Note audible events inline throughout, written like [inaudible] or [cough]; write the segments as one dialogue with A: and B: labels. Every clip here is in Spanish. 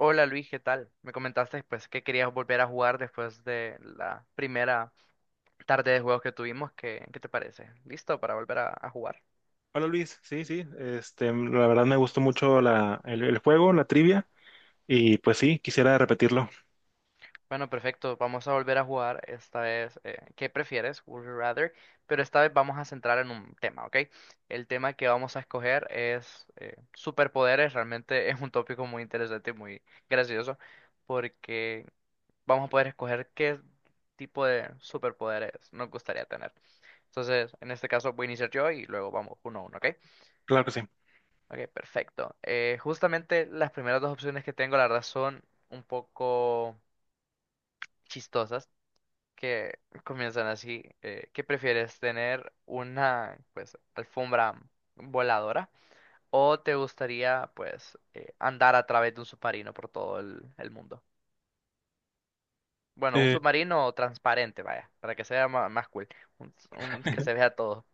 A: Hola Luis, ¿qué tal? Me comentaste después que querías volver a jugar después de la primera tarde de juegos que tuvimos. ¿Qué te parece? ¿Listo para volver a jugar?
B: Hola Luis, sí, sí, este, la verdad me gustó mucho el juego, la trivia, y pues sí, quisiera repetirlo,
A: Bueno, perfecto. Vamos a volver a jugar. Esta vez, ¿qué prefieres? Would you rather? Pero esta vez vamos a centrar en un tema, ¿ok? El tema que vamos a escoger es superpoderes. Realmente [laughs] es un tópico muy interesante y muy gracioso porque vamos a poder escoger qué tipo de superpoderes nos gustaría tener. Entonces, en este caso voy a iniciar yo y luego vamos uno a uno, ¿ok?
B: claro que sí.
A: Ok, perfecto. Justamente las primeras dos opciones que tengo, la verdad, son un poco chistosas, que comienzan así. ¿Qué prefieres, tener una, pues, alfombra voladora o te gustaría, pues, andar a través de un submarino por todo el mundo? Bueno, un
B: Eh,
A: submarino transparente, vaya, para que sea más, cool, que se vea todo.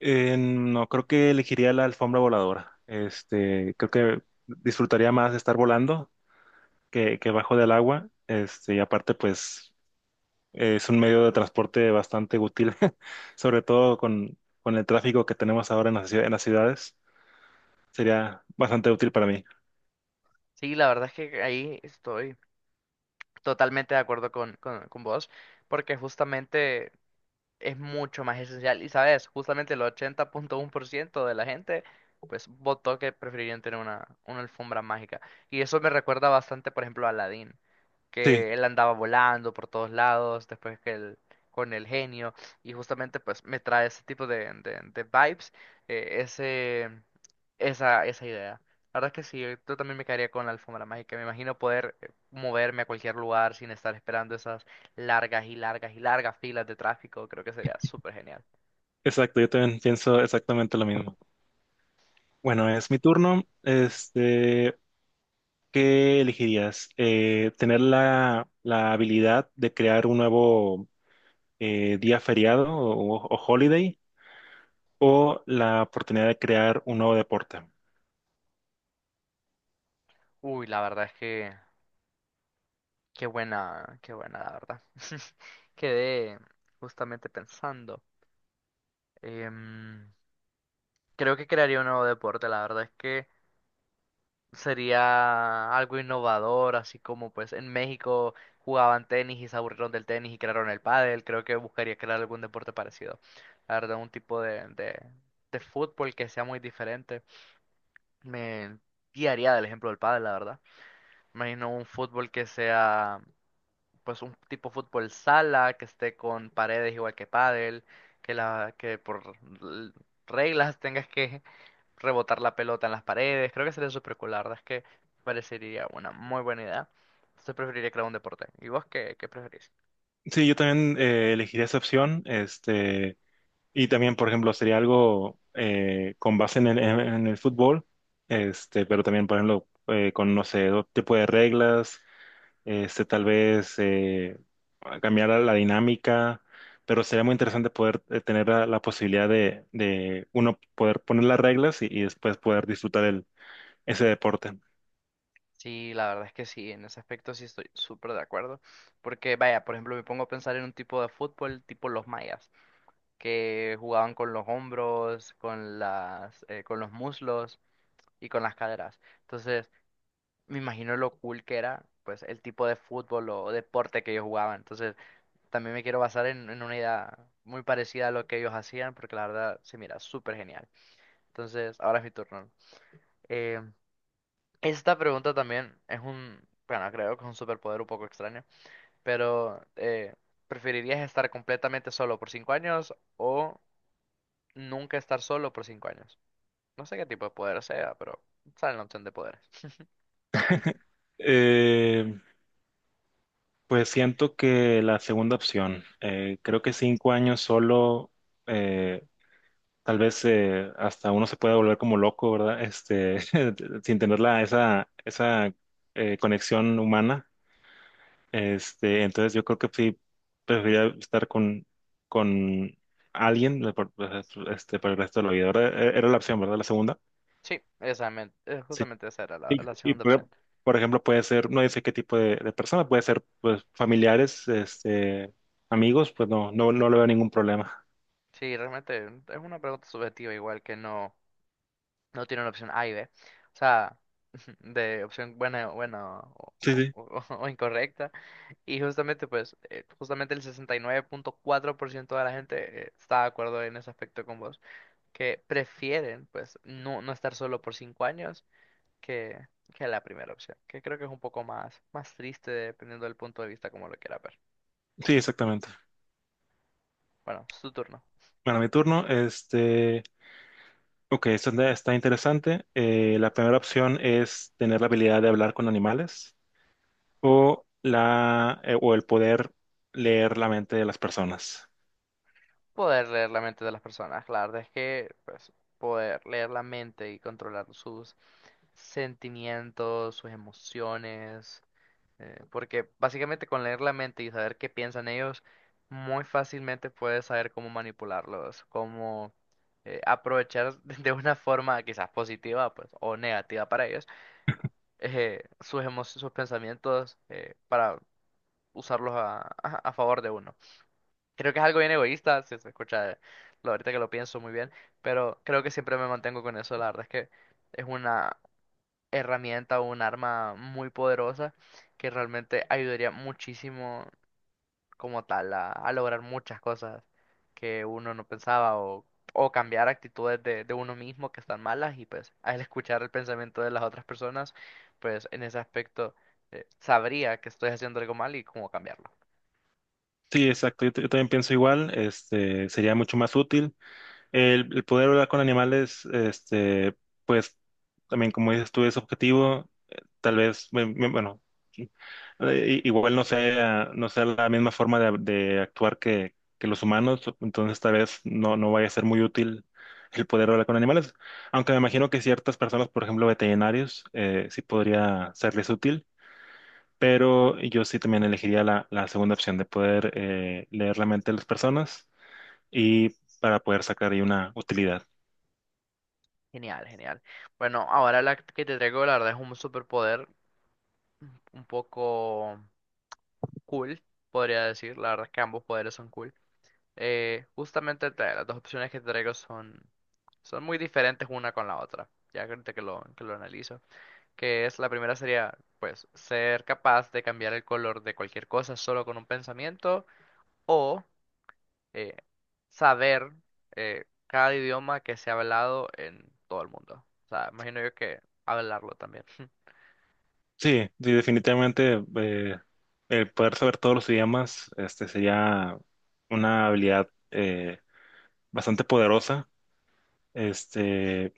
B: no, creo que elegiría la alfombra voladora, este, creo que disfrutaría más de estar volando que bajo del agua, este, y aparte pues es un medio de transporte bastante útil, [laughs] sobre todo con el tráfico que tenemos ahora en en las ciudades, sería bastante útil para mí.
A: Sí, la verdad es que ahí estoy. Totalmente de acuerdo con vos, porque justamente es mucho más esencial. Y sabes, justamente el 80.1% de la gente, pues, votó que preferirían tener una alfombra mágica. Y eso me recuerda bastante, por ejemplo, a Aladdin
B: Sí,
A: que él andaba volando por todos lados, después que él, con el genio, y justamente pues me trae ese tipo de vibes, eh, ese, esa idea. La verdad es que sí, yo también me quedaría con la alfombra mágica. Me imagino poder moverme a cualquier lugar sin estar esperando esas largas y largas y largas filas de tráfico. Creo que sería súper genial.
B: exacto, yo también pienso exactamente lo mismo. Bueno, es mi turno. Este, ¿qué elegirías? ¿Tener la habilidad de crear un nuevo día feriado o holiday o la oportunidad de crear un nuevo deporte?
A: Uy, la verdad es que qué buena, la verdad. [laughs] Quedé justamente pensando. em, Creo que crearía un nuevo deporte, la verdad es que sería algo innovador, así como pues en México jugaban tenis y se aburrieron del tenis y crearon el pádel, creo que buscaría crear algún deporte parecido. La verdad, un tipo de fútbol que sea muy diferente. Me guiaría del ejemplo del pádel, la verdad. Imagino un fútbol que sea pues un tipo fútbol sala, que esté con paredes igual que pádel, que la que por l- reglas tengas que rebotar la pelota en las paredes. Creo que sería súper cool, la verdad es que parecería una muy buena idea. Entonces preferiría crear un deporte. ¿Y vos qué preferís?
B: Sí, yo también elegiría esa opción. Este, y también, por ejemplo, sería algo con base en en el fútbol, este, pero también, por ejemplo, con, no sé, otro tipo de reglas este, tal vez cambiar la dinámica, pero sería muy interesante poder tener la posibilidad de uno poder poner las reglas y después poder disfrutar ese deporte.
A: Sí, la verdad es que sí, en ese aspecto sí estoy súper de acuerdo. Porque, vaya, por ejemplo, me pongo a pensar en un tipo de fútbol tipo los mayas, que jugaban con los hombros, con los muslos y con las caderas. Entonces, me imagino lo cool que era, pues, el tipo de fútbol o deporte que ellos jugaban. Entonces, también me quiero basar en una idea muy parecida a lo que ellos hacían, porque la verdad se mira súper genial. Entonces, ahora es mi turno. Eh, esta pregunta también es bueno, creo que es un superpoder un poco extraño, pero ¿preferirías estar completamente solo por 5 años o nunca estar solo por 5 años? No sé qué tipo de poder sea, pero sale la opción de poderes.
B: Eh, pues siento que la segunda opción, creo que 5 años solo. eh, Tal vez hasta uno se pueda volver como loco, ¿verdad? Este, [laughs] sin tener esa conexión humana. Este, entonces yo creo que sí preferiría estar con alguien pues, este, para el resto de la vida. Ahora, era la opción, ¿verdad? La segunda.
A: Sí, exactamente,
B: Sí.
A: justamente esa era la,
B: Y,
A: la
B: y,
A: segunda opción.
B: por por ejemplo, puede ser, no dice qué tipo de persona, puede ser pues familiares, este, amigos, pues no, no, no le veo ningún problema.
A: Sí, realmente es una pregunta subjetiva, igual que no. No tienen opción A y B. O sea, [laughs] de opción buena, buena
B: Sí, sí.
A: [laughs] o incorrecta. Y justamente, pues, justamente el 69.4% de la gente está de acuerdo en ese aspecto con vos. Que prefieren, pues, no, no estar solo por 5 años que, que la primera opción. Que creo que es un poco más, más triste dependiendo del punto de vista como lo quiera ver.
B: Sí, exactamente.
A: Bueno, es tu turno.
B: Bueno, mi turno, este, ok, esta está interesante. La primera opción es tener la habilidad de hablar con animales, o el poder leer la mente de las personas.
A: Poder leer la mente de las personas. La verdad es que, pues, poder leer la mente y controlar sus sentimientos, sus emociones, porque básicamente con leer la mente y saber qué piensan ellos, muy fácilmente puedes saber cómo manipularlos, cómo aprovechar [laughs] de una forma quizás positiva, pues, o negativa para ellos, sus pensamientos para usarlos a favor de uno. Creo que es algo bien egoísta, si se escucha, ahorita que lo pienso muy bien, pero creo que siempre me mantengo con eso, la verdad es que es una herramienta o un arma muy poderosa que realmente ayudaría muchísimo como tal a lograr muchas cosas que uno no pensaba o cambiar actitudes de uno mismo que están malas y pues al escuchar el pensamiento de las otras personas, pues en ese aspecto sabría que estoy haciendo algo mal y cómo cambiarlo.
B: Sí, exacto. Yo también pienso igual. Este sería mucho más útil. El poder hablar con animales, este, pues también como dices tú, es objetivo. Tal vez, bueno, sí, igual no sea la misma forma de actuar que los humanos, entonces tal vez no, no vaya a ser muy útil el poder hablar con animales. Aunque me imagino que ciertas personas, por ejemplo, veterinarios, sí podría serles útil, pero yo sí también elegiría la segunda opción de poder leer la mente de las personas y para poder sacar ahí una utilidad.
A: Genial, genial. Bueno, ahora la que te traigo la verdad es un superpoder un poco cool, podría decir. La verdad es que ambos poderes son cool. Justamente las dos opciones que te traigo son muy diferentes una con la otra, ya que ahorita que lo, analizo, que es la primera sería pues ser capaz de cambiar el color de cualquier cosa solo con un pensamiento o eh, saber cada idioma que se ha hablado en todo el mundo. O sea, imagino yo que hablarlo también.
B: Sí, sí, definitivamente el poder saber todos los idiomas este, sería una habilidad bastante poderosa, este,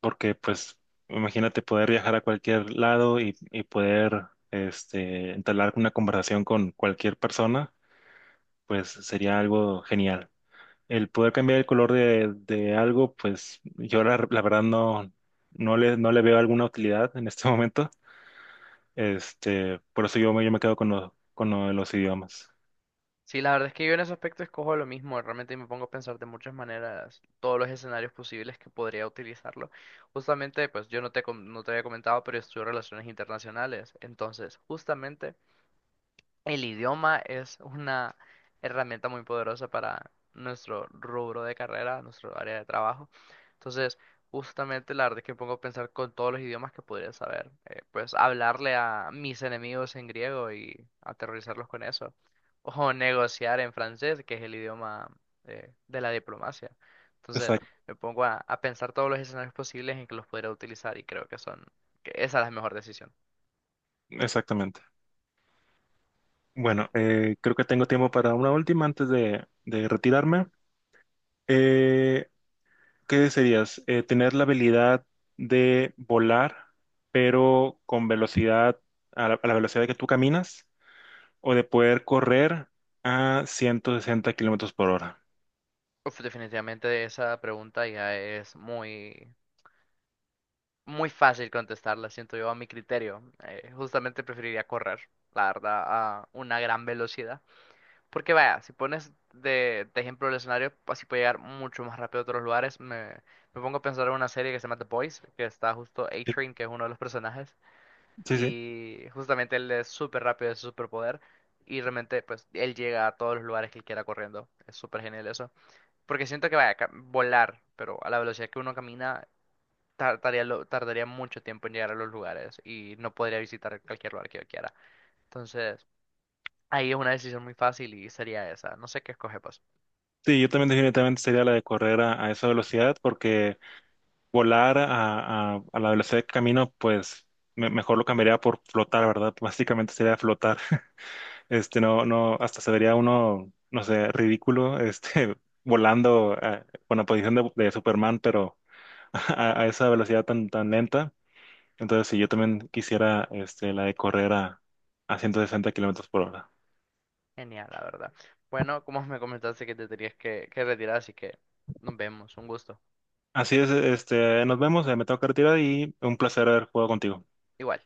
B: porque pues imagínate poder viajar a cualquier lado y poder este, entablar una conversación con cualquier persona, pues sería algo genial. El poder cambiar el color de algo, pues yo la verdad no, no le veo alguna utilidad en este [laughs] momento este, por eso yo me quedo con con lo de los idiomas.
A: Sí, la verdad es que yo en ese aspecto escojo lo mismo, realmente me pongo a pensar de muchas maneras todos los escenarios posibles que podría utilizarlo. Justamente, pues yo no te había comentado, pero estudio relaciones internacionales, entonces justamente el idioma es una herramienta muy poderosa para nuestro rubro de carrera, nuestro área de trabajo. Entonces, justamente la verdad es que me pongo a pensar con todos los idiomas que podría saber. Pues hablarle a mis enemigos en griego y aterrorizarlos con eso. O negociar en francés, que es el idioma de la diplomacia. Entonces,
B: Exact-
A: me pongo a pensar todos los escenarios posibles en que los podría utilizar y creo que que esa es la mejor decisión.
B: Exactamente. Bueno, creo que tengo tiempo para una última antes de retirarme. Eh, ¿Qué desearías? Tener la habilidad de volar, pero con velocidad, a la velocidad que tú caminas, o de poder correr a 160 km/h.
A: Uf, definitivamente esa pregunta ya es muy, muy fácil contestarla, siento yo, a mi criterio. Justamente preferiría correr, la verdad, a una gran velocidad. Porque vaya, si pones de ejemplo el escenario, así puedo llegar mucho más rápido a otros lugares. Me pongo a pensar en una serie que se llama The Boys, que está justo A-Train, que es uno de los personajes,
B: Sí, sí.
A: y justamente él es súper rápido, es su superpoder, y realmente pues él llega a todos los lugares que él quiera corriendo. Es súper genial eso. Porque siento que vaya a volar, pero a la velocidad que uno camina, tardaría mucho tiempo en llegar a los lugares y no podría visitar cualquier lugar que yo quiera. Entonces, ahí es una decisión muy fácil y sería esa. No sé qué escoge, pues.
B: Sí, yo también definitivamente sería la de correr a esa velocidad porque volar a la velocidad de camino, pues mejor lo cambiaría por flotar, ¿verdad? [laughs] Básicamente sería flotar. [laughs] Este, no, no, hasta se vería uno, no sé, ridículo, este, [laughs] volando con la posición de Superman, pero [laughs] a esa velocidad tan, tan lenta. Entonces, si yo también quisiera, este, la de correr a 160 km/h.
A: Genial, la verdad. Bueno, como me comentaste que te tenías que retirar, así que nos vemos. Un gusto.
B: Así es, este, nos vemos, me tengo que retirar y un placer haber jugado contigo.
A: Igual.